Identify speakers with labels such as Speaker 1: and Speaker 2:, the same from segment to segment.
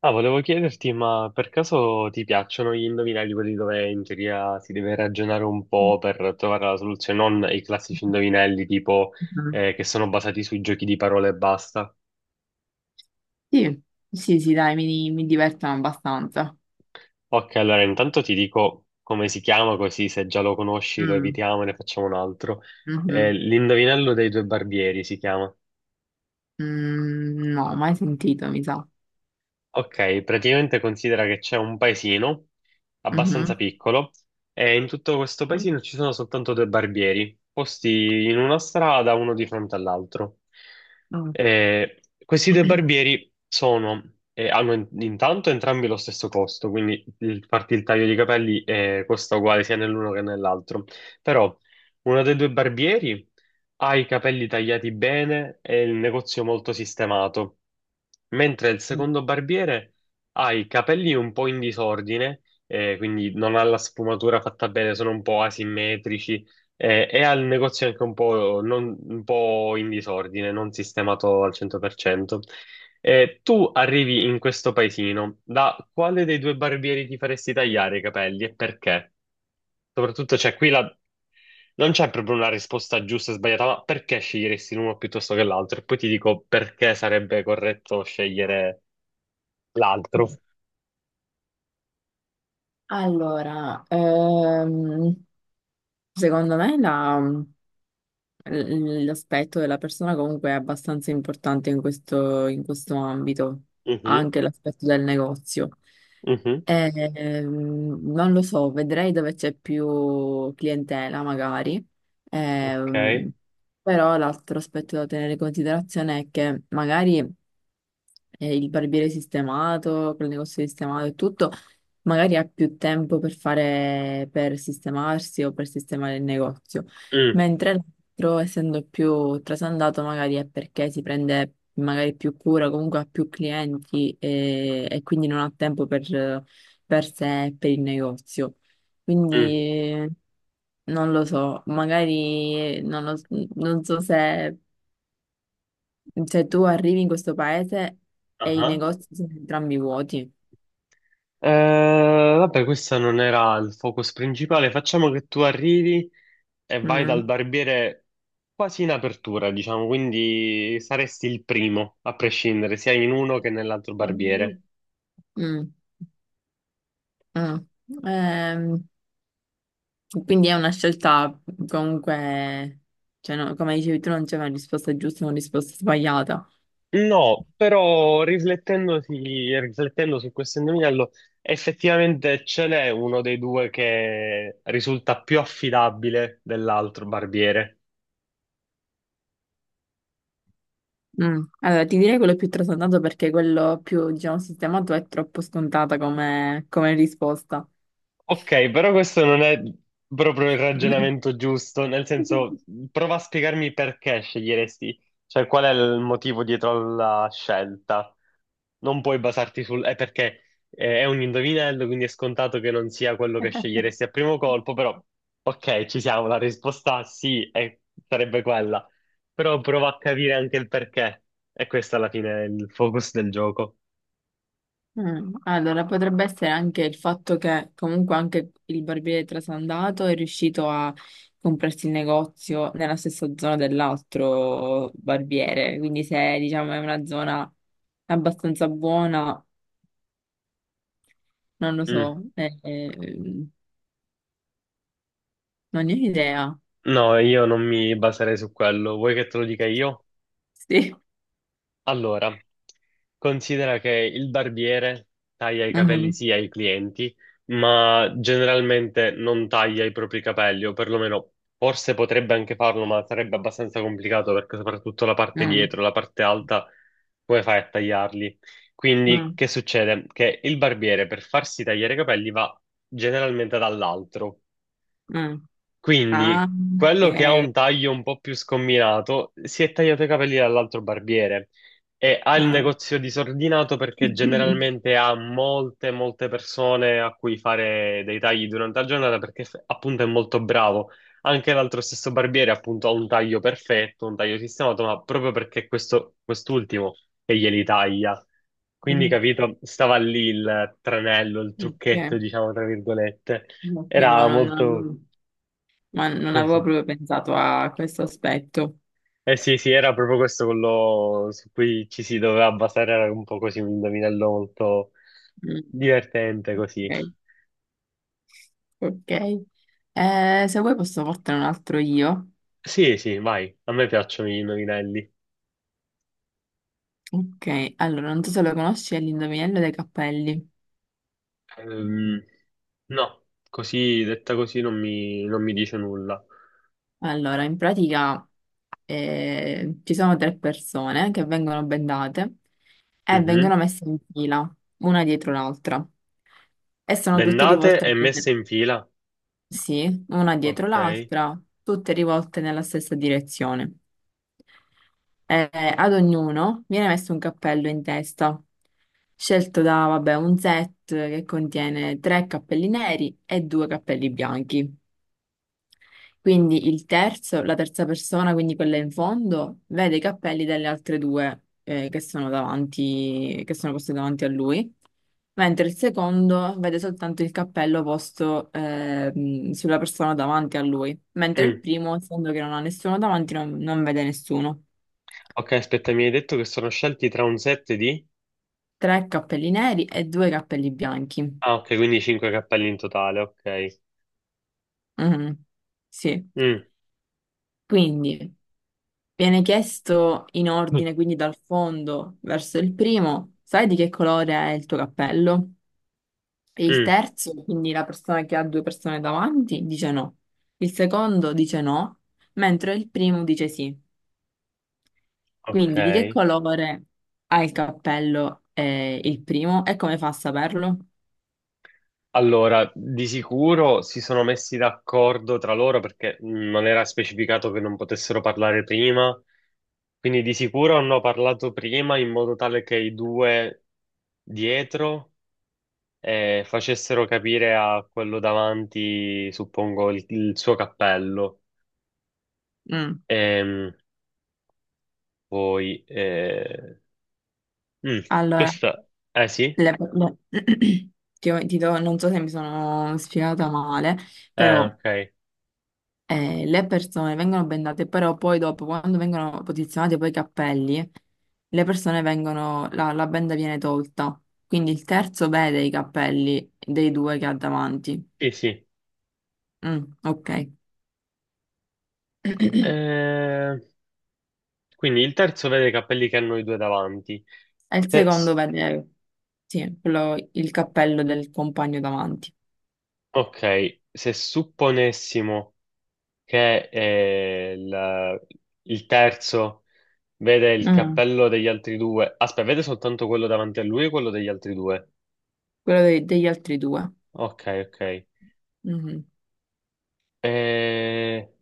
Speaker 1: Ah, volevo chiederti, ma per caso ti piacciono gli indovinelli, quelli dove in teoria si deve ragionare un po' per trovare la soluzione, non i classici indovinelli tipo
Speaker 2: Mhm.
Speaker 1: che sono basati sui giochi di parole e basta?
Speaker 2: Sì, sì, sì, dai, mi divertono abbastanza.
Speaker 1: Ok, allora intanto ti dico come si chiama, così se già lo conosci lo
Speaker 2: Mm,
Speaker 1: evitiamo e ne facciamo un altro.
Speaker 2: mhm.
Speaker 1: L'indovinello dei due barbieri si chiama.
Speaker 2: Mm, no, mai sentito, mi sa.
Speaker 1: Ok, praticamente considera che c'è un paesino abbastanza
Speaker 2: Mhm.
Speaker 1: piccolo e in tutto questo
Speaker 2: Dai.
Speaker 1: paesino ci sono soltanto due barbieri, posti in una strada, uno di fronte all'altro.
Speaker 2: Mm.
Speaker 1: Questi due barbieri hanno intanto entrambi lo stesso costo, quindi farti il taglio di capelli costa uguale sia nell'uno che nell'altro. Però uno dei due barbieri ha i capelli tagliati bene e il negozio molto sistemato, mentre il secondo barbiere ha i capelli un po' in disordine, quindi non ha la sfumatura fatta bene, sono un po' asimmetrici, e ha il negozio anche un po', un po' in disordine, non sistemato al 100%. Tu arrivi in questo paesino, da quale dei due barbieri ti faresti tagliare i capelli e perché? Soprattutto c'è qui la non c'è proprio una risposta giusta e sbagliata, ma perché sceglieresti l'uno piuttosto che l'altro? E poi ti dico perché sarebbe corretto scegliere l'altro.
Speaker 2: Allora, secondo me l'aspetto della persona comunque è abbastanza importante in questo ambito,
Speaker 1: Mhm,
Speaker 2: anche l'aspetto del negozio.
Speaker 1: mhm.
Speaker 2: Non lo so, vedrei dove c'è più clientela magari.
Speaker 1: Ok.
Speaker 2: Ehm, Però l'altro aspetto da tenere in considerazione è che magari il barbiere sistemato, col negozio sistemato e tutto, magari ha più tempo per fare, per sistemarsi o per sistemare il negozio,
Speaker 1: Mm,
Speaker 2: mentre l'altro, essendo più trasandato, magari è perché si prende magari più cura, comunque ha più clienti e, quindi non ha tempo per sé e per il negozio.
Speaker 1: mm,
Speaker 2: Quindi non lo so, magari non, lo- non so se, cioè, tu arrivi in questo paese e i
Speaker 1: aha.
Speaker 2: negozi sono entrambi vuoti.
Speaker 1: Vabbè, questo non era il focus principale. Facciamo che tu arrivi e vai dal
Speaker 2: Mm.
Speaker 1: barbiere quasi in apertura, diciamo, quindi saresti il primo a prescindere sia in uno che nell'altro
Speaker 2: Mm.
Speaker 1: barbiere.
Speaker 2: Mm, mm. Ehm, quindi è una scelta comunque, cioè, no, come dicevi tu, non c'è una risposta giusta o una risposta sbagliata.
Speaker 1: No, però riflettendo su questo indovinello, effettivamente ce n'è uno dei due che risulta più affidabile dell'altro barbiere.
Speaker 2: Mm. Allora, ti direi quello più trasandato perché quello più, diciamo, sistemato è troppo scontata come, come risposta.
Speaker 1: Ok, però questo non è proprio il ragionamento giusto, nel senso, prova a spiegarmi perché sceglieresti, cioè qual è il motivo dietro alla scelta. Non puoi basarti è perché è un indovinello, quindi è scontato che non sia quello che sceglieresti a primo colpo, però ok, ci siamo, la risposta sì, sarebbe quella, però prova a capire anche il perché, e questo alla fine è il focus del gioco.
Speaker 2: Mm, allora, potrebbe essere anche il fatto che comunque anche il barbiere trasandato è riuscito a comprarsi il negozio nella stessa zona dell'altro barbiere, quindi se diciamo è una zona abbastanza buona, non lo
Speaker 1: Mm.
Speaker 2: so, non ne ho idea.
Speaker 1: No, io non mi baserei su quello, vuoi che te lo dica io?
Speaker 2: Sì.
Speaker 1: Allora, considera che il barbiere taglia i capelli
Speaker 2: Mhm.
Speaker 1: sì ai clienti, ma generalmente non taglia i propri capelli, o perlomeno forse potrebbe anche farlo, ma sarebbe abbastanza complicato perché soprattutto la parte
Speaker 2: Mm,
Speaker 1: dietro, la parte alta, come fai a tagliarli? Quindi
Speaker 2: mm,
Speaker 1: che succede? Che il barbiere per farsi tagliare i capelli va generalmente dall'altro.
Speaker 2: mm. Ah,
Speaker 1: Quindi quello che ha un
Speaker 2: ok.
Speaker 1: taglio un po' più scombinato si è tagliato i capelli dall'altro barbiere e ha il
Speaker 2: Ah.
Speaker 1: negozio disordinato perché generalmente ha molte, molte persone a cui fare dei tagli durante la giornata perché appunto è molto bravo. Anche l'altro stesso barbiere appunto ha un taglio perfetto, un taglio sistemato, ma proprio perché quest'ultimo che glieli taglia. Quindi,
Speaker 2: Mm,
Speaker 1: capito, stava lì il tranello, il trucchetto,
Speaker 2: ok.
Speaker 1: diciamo, tra virgolette.
Speaker 2: Ok, no,
Speaker 1: Era
Speaker 2: no, no,
Speaker 1: molto
Speaker 2: no, ma non avevo
Speaker 1: così.
Speaker 2: proprio pensato a questo aspetto.
Speaker 1: Eh sì, sì, era proprio questo quello su cui ci si doveva basare, era un po' così un indovinello molto
Speaker 2: Mm,
Speaker 1: divertente così.
Speaker 2: ok, ok. Se vuoi posso portare un altro io.
Speaker 1: Sì, sì, vai, a me piacciono gli indovinelli.
Speaker 2: Ok, allora, non so se lo conosci, è l'indovinello dei cappelli.
Speaker 1: Ehm, no, così, detta così non mi dice nulla.
Speaker 2: Allora, in pratica ci sono tre persone che vengono bendate e vengono
Speaker 1: Mhm.
Speaker 2: messe in fila, una dietro l'altra. E sono tutte
Speaker 1: Bendate
Speaker 2: rivolte,
Speaker 1: e messe in fila.
Speaker 2: sì, una dietro
Speaker 1: Ok.
Speaker 2: l'altra, tutte rivolte nella stessa direzione. Eh, ad ognuno viene messo un cappello in testa, scelto da, vabbè, un set che contiene tre cappelli neri e due cappelli bianchi. Quindi il terzo, la terza persona, quindi quella in fondo, vede i cappelli delle altre due, che sono davanti, che sono posti davanti a lui, mentre il secondo vede soltanto il cappello posto, sulla persona davanti a lui, mentre il
Speaker 1: Mm.
Speaker 2: primo, essendo che non ha nessuno davanti, non vede nessuno.
Speaker 1: Ok, aspetta, mi hai detto che sono scelti tra un set di...
Speaker 2: Tre cappelli neri e due cappelli bianchi.
Speaker 1: Ah, ok, quindi cinque cappelli in totale, ok.
Speaker 2: Mhm, sì.
Speaker 1: Mm.
Speaker 2: Quindi viene chiesto in ordine, quindi dal fondo verso il primo, sai di che colore è il tuo cappello? E il
Speaker 1: Mm.
Speaker 2: terzo, quindi la persona che ha due persone davanti, dice no. Il secondo dice no, mentre il primo dice sì.
Speaker 1: Ok.
Speaker 2: Quindi di che colore ha il cappello, il primo e come fa a saperlo?
Speaker 1: Allora, di sicuro si sono messi d'accordo tra loro perché non era specificato che non potessero parlare prima, quindi di sicuro hanno parlato prima in modo tale che i due dietro facessero capire a quello davanti, suppongo, il suo cappello.
Speaker 2: Mm.
Speaker 1: Ehm, Poi, mm,
Speaker 2: Allora.
Speaker 1: questa, eh sì,
Speaker 2: Le- le- ti, ho- ti do- non so se mi sono spiegata male,
Speaker 1: eh
Speaker 2: però
Speaker 1: ok,
Speaker 2: le persone vengono bendate, però poi dopo, quando vengono posizionati poi i cappelli, la benda viene tolta. Quindi il terzo vede i cappelli dei due che ha davanti.
Speaker 1: sì, sì.
Speaker 2: Mm, ok. E
Speaker 1: Eh, quindi il terzo vede i capelli che hanno i due davanti.
Speaker 2: il
Speaker 1: Se-
Speaker 2: secondo vede, sì, il cappello del compagno davanti.
Speaker 1: Ok, se supponessimo che il terzo vede il
Speaker 2: Mm,
Speaker 1: cappello degli altri due, aspetta, vede soltanto quello davanti a lui e quello degli altri due.
Speaker 2: degli altri due.
Speaker 1: Ok, ok.
Speaker 2: Mhm.
Speaker 1: Eh,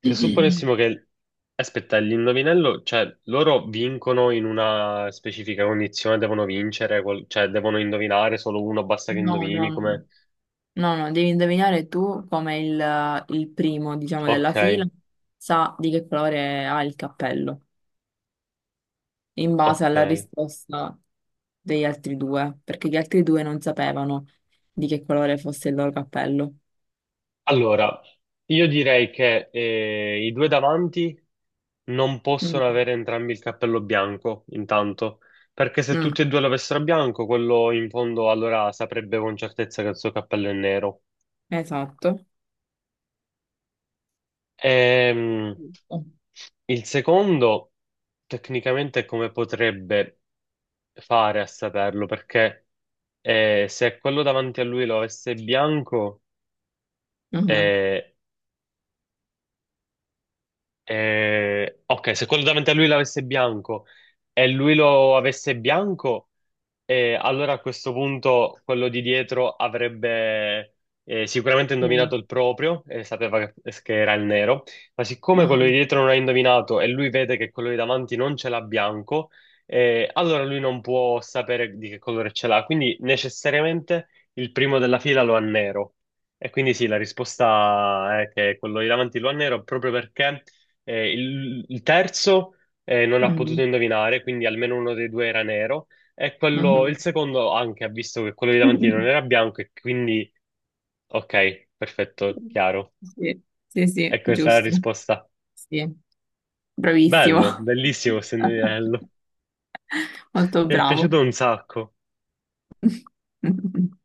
Speaker 1: se supponessimo che... Aspetta, l'indovinello, cioè loro vincono in una specifica condizione, devono vincere, cioè devono indovinare, solo uno basta che
Speaker 2: No,
Speaker 1: indovini
Speaker 2: no, no.
Speaker 1: come...
Speaker 2: No, no, devi indovinare tu come il primo, diciamo, della
Speaker 1: Ok,
Speaker 2: fila sa di che colore ha il cappello, in base
Speaker 1: ok.
Speaker 2: alla risposta degli altri due, perché gli altri due non sapevano di che colore fosse il loro cappello.
Speaker 1: Allora, io direi che i due davanti non
Speaker 2: Mm.
Speaker 1: possono avere entrambi il cappello bianco, intanto, perché se
Speaker 2: Mm,
Speaker 1: tutti e due l'avessero bianco, quello in fondo allora saprebbe con certezza che il suo cappello è nero.
Speaker 2: esatto.
Speaker 1: Ehm,
Speaker 2: Giusto.
Speaker 1: il secondo, tecnicamente, come potrebbe fare a saperlo? Perché se quello davanti a lui lo avesse bianco,
Speaker 2: Mhm,
Speaker 1: eh, ok, se quello davanti a lui l'avesse bianco e lui lo avesse bianco, allora a questo punto quello di dietro avrebbe sicuramente
Speaker 2: mhm,
Speaker 1: indovinato il proprio e sapeva che era il nero, ma siccome quello di
Speaker 2: mhm,
Speaker 1: dietro non ha indovinato e lui vede che quello di davanti non ce l'ha bianco, allora lui non può sapere di che colore ce l'ha, quindi necessariamente il primo della fila lo ha nero. E quindi sì, la risposta è che quello di davanti lo ha nero proprio perché il terzo non ha potuto
Speaker 2: mhm,
Speaker 1: indovinare, quindi almeno uno dei due era nero. E quello, il
Speaker 2: mhm.
Speaker 1: secondo anche ha visto che quello di davanti non era bianco, e quindi ok, perfetto, chiaro.
Speaker 2: Sì, sì, sì,
Speaker 1: E questa è la
Speaker 2: giusto.
Speaker 1: risposta.
Speaker 2: Sì, bravissimo.
Speaker 1: Bello, bellissimo questo indovinello.
Speaker 2: Molto
Speaker 1: Mi è
Speaker 2: bravo.
Speaker 1: piaciuto un sacco.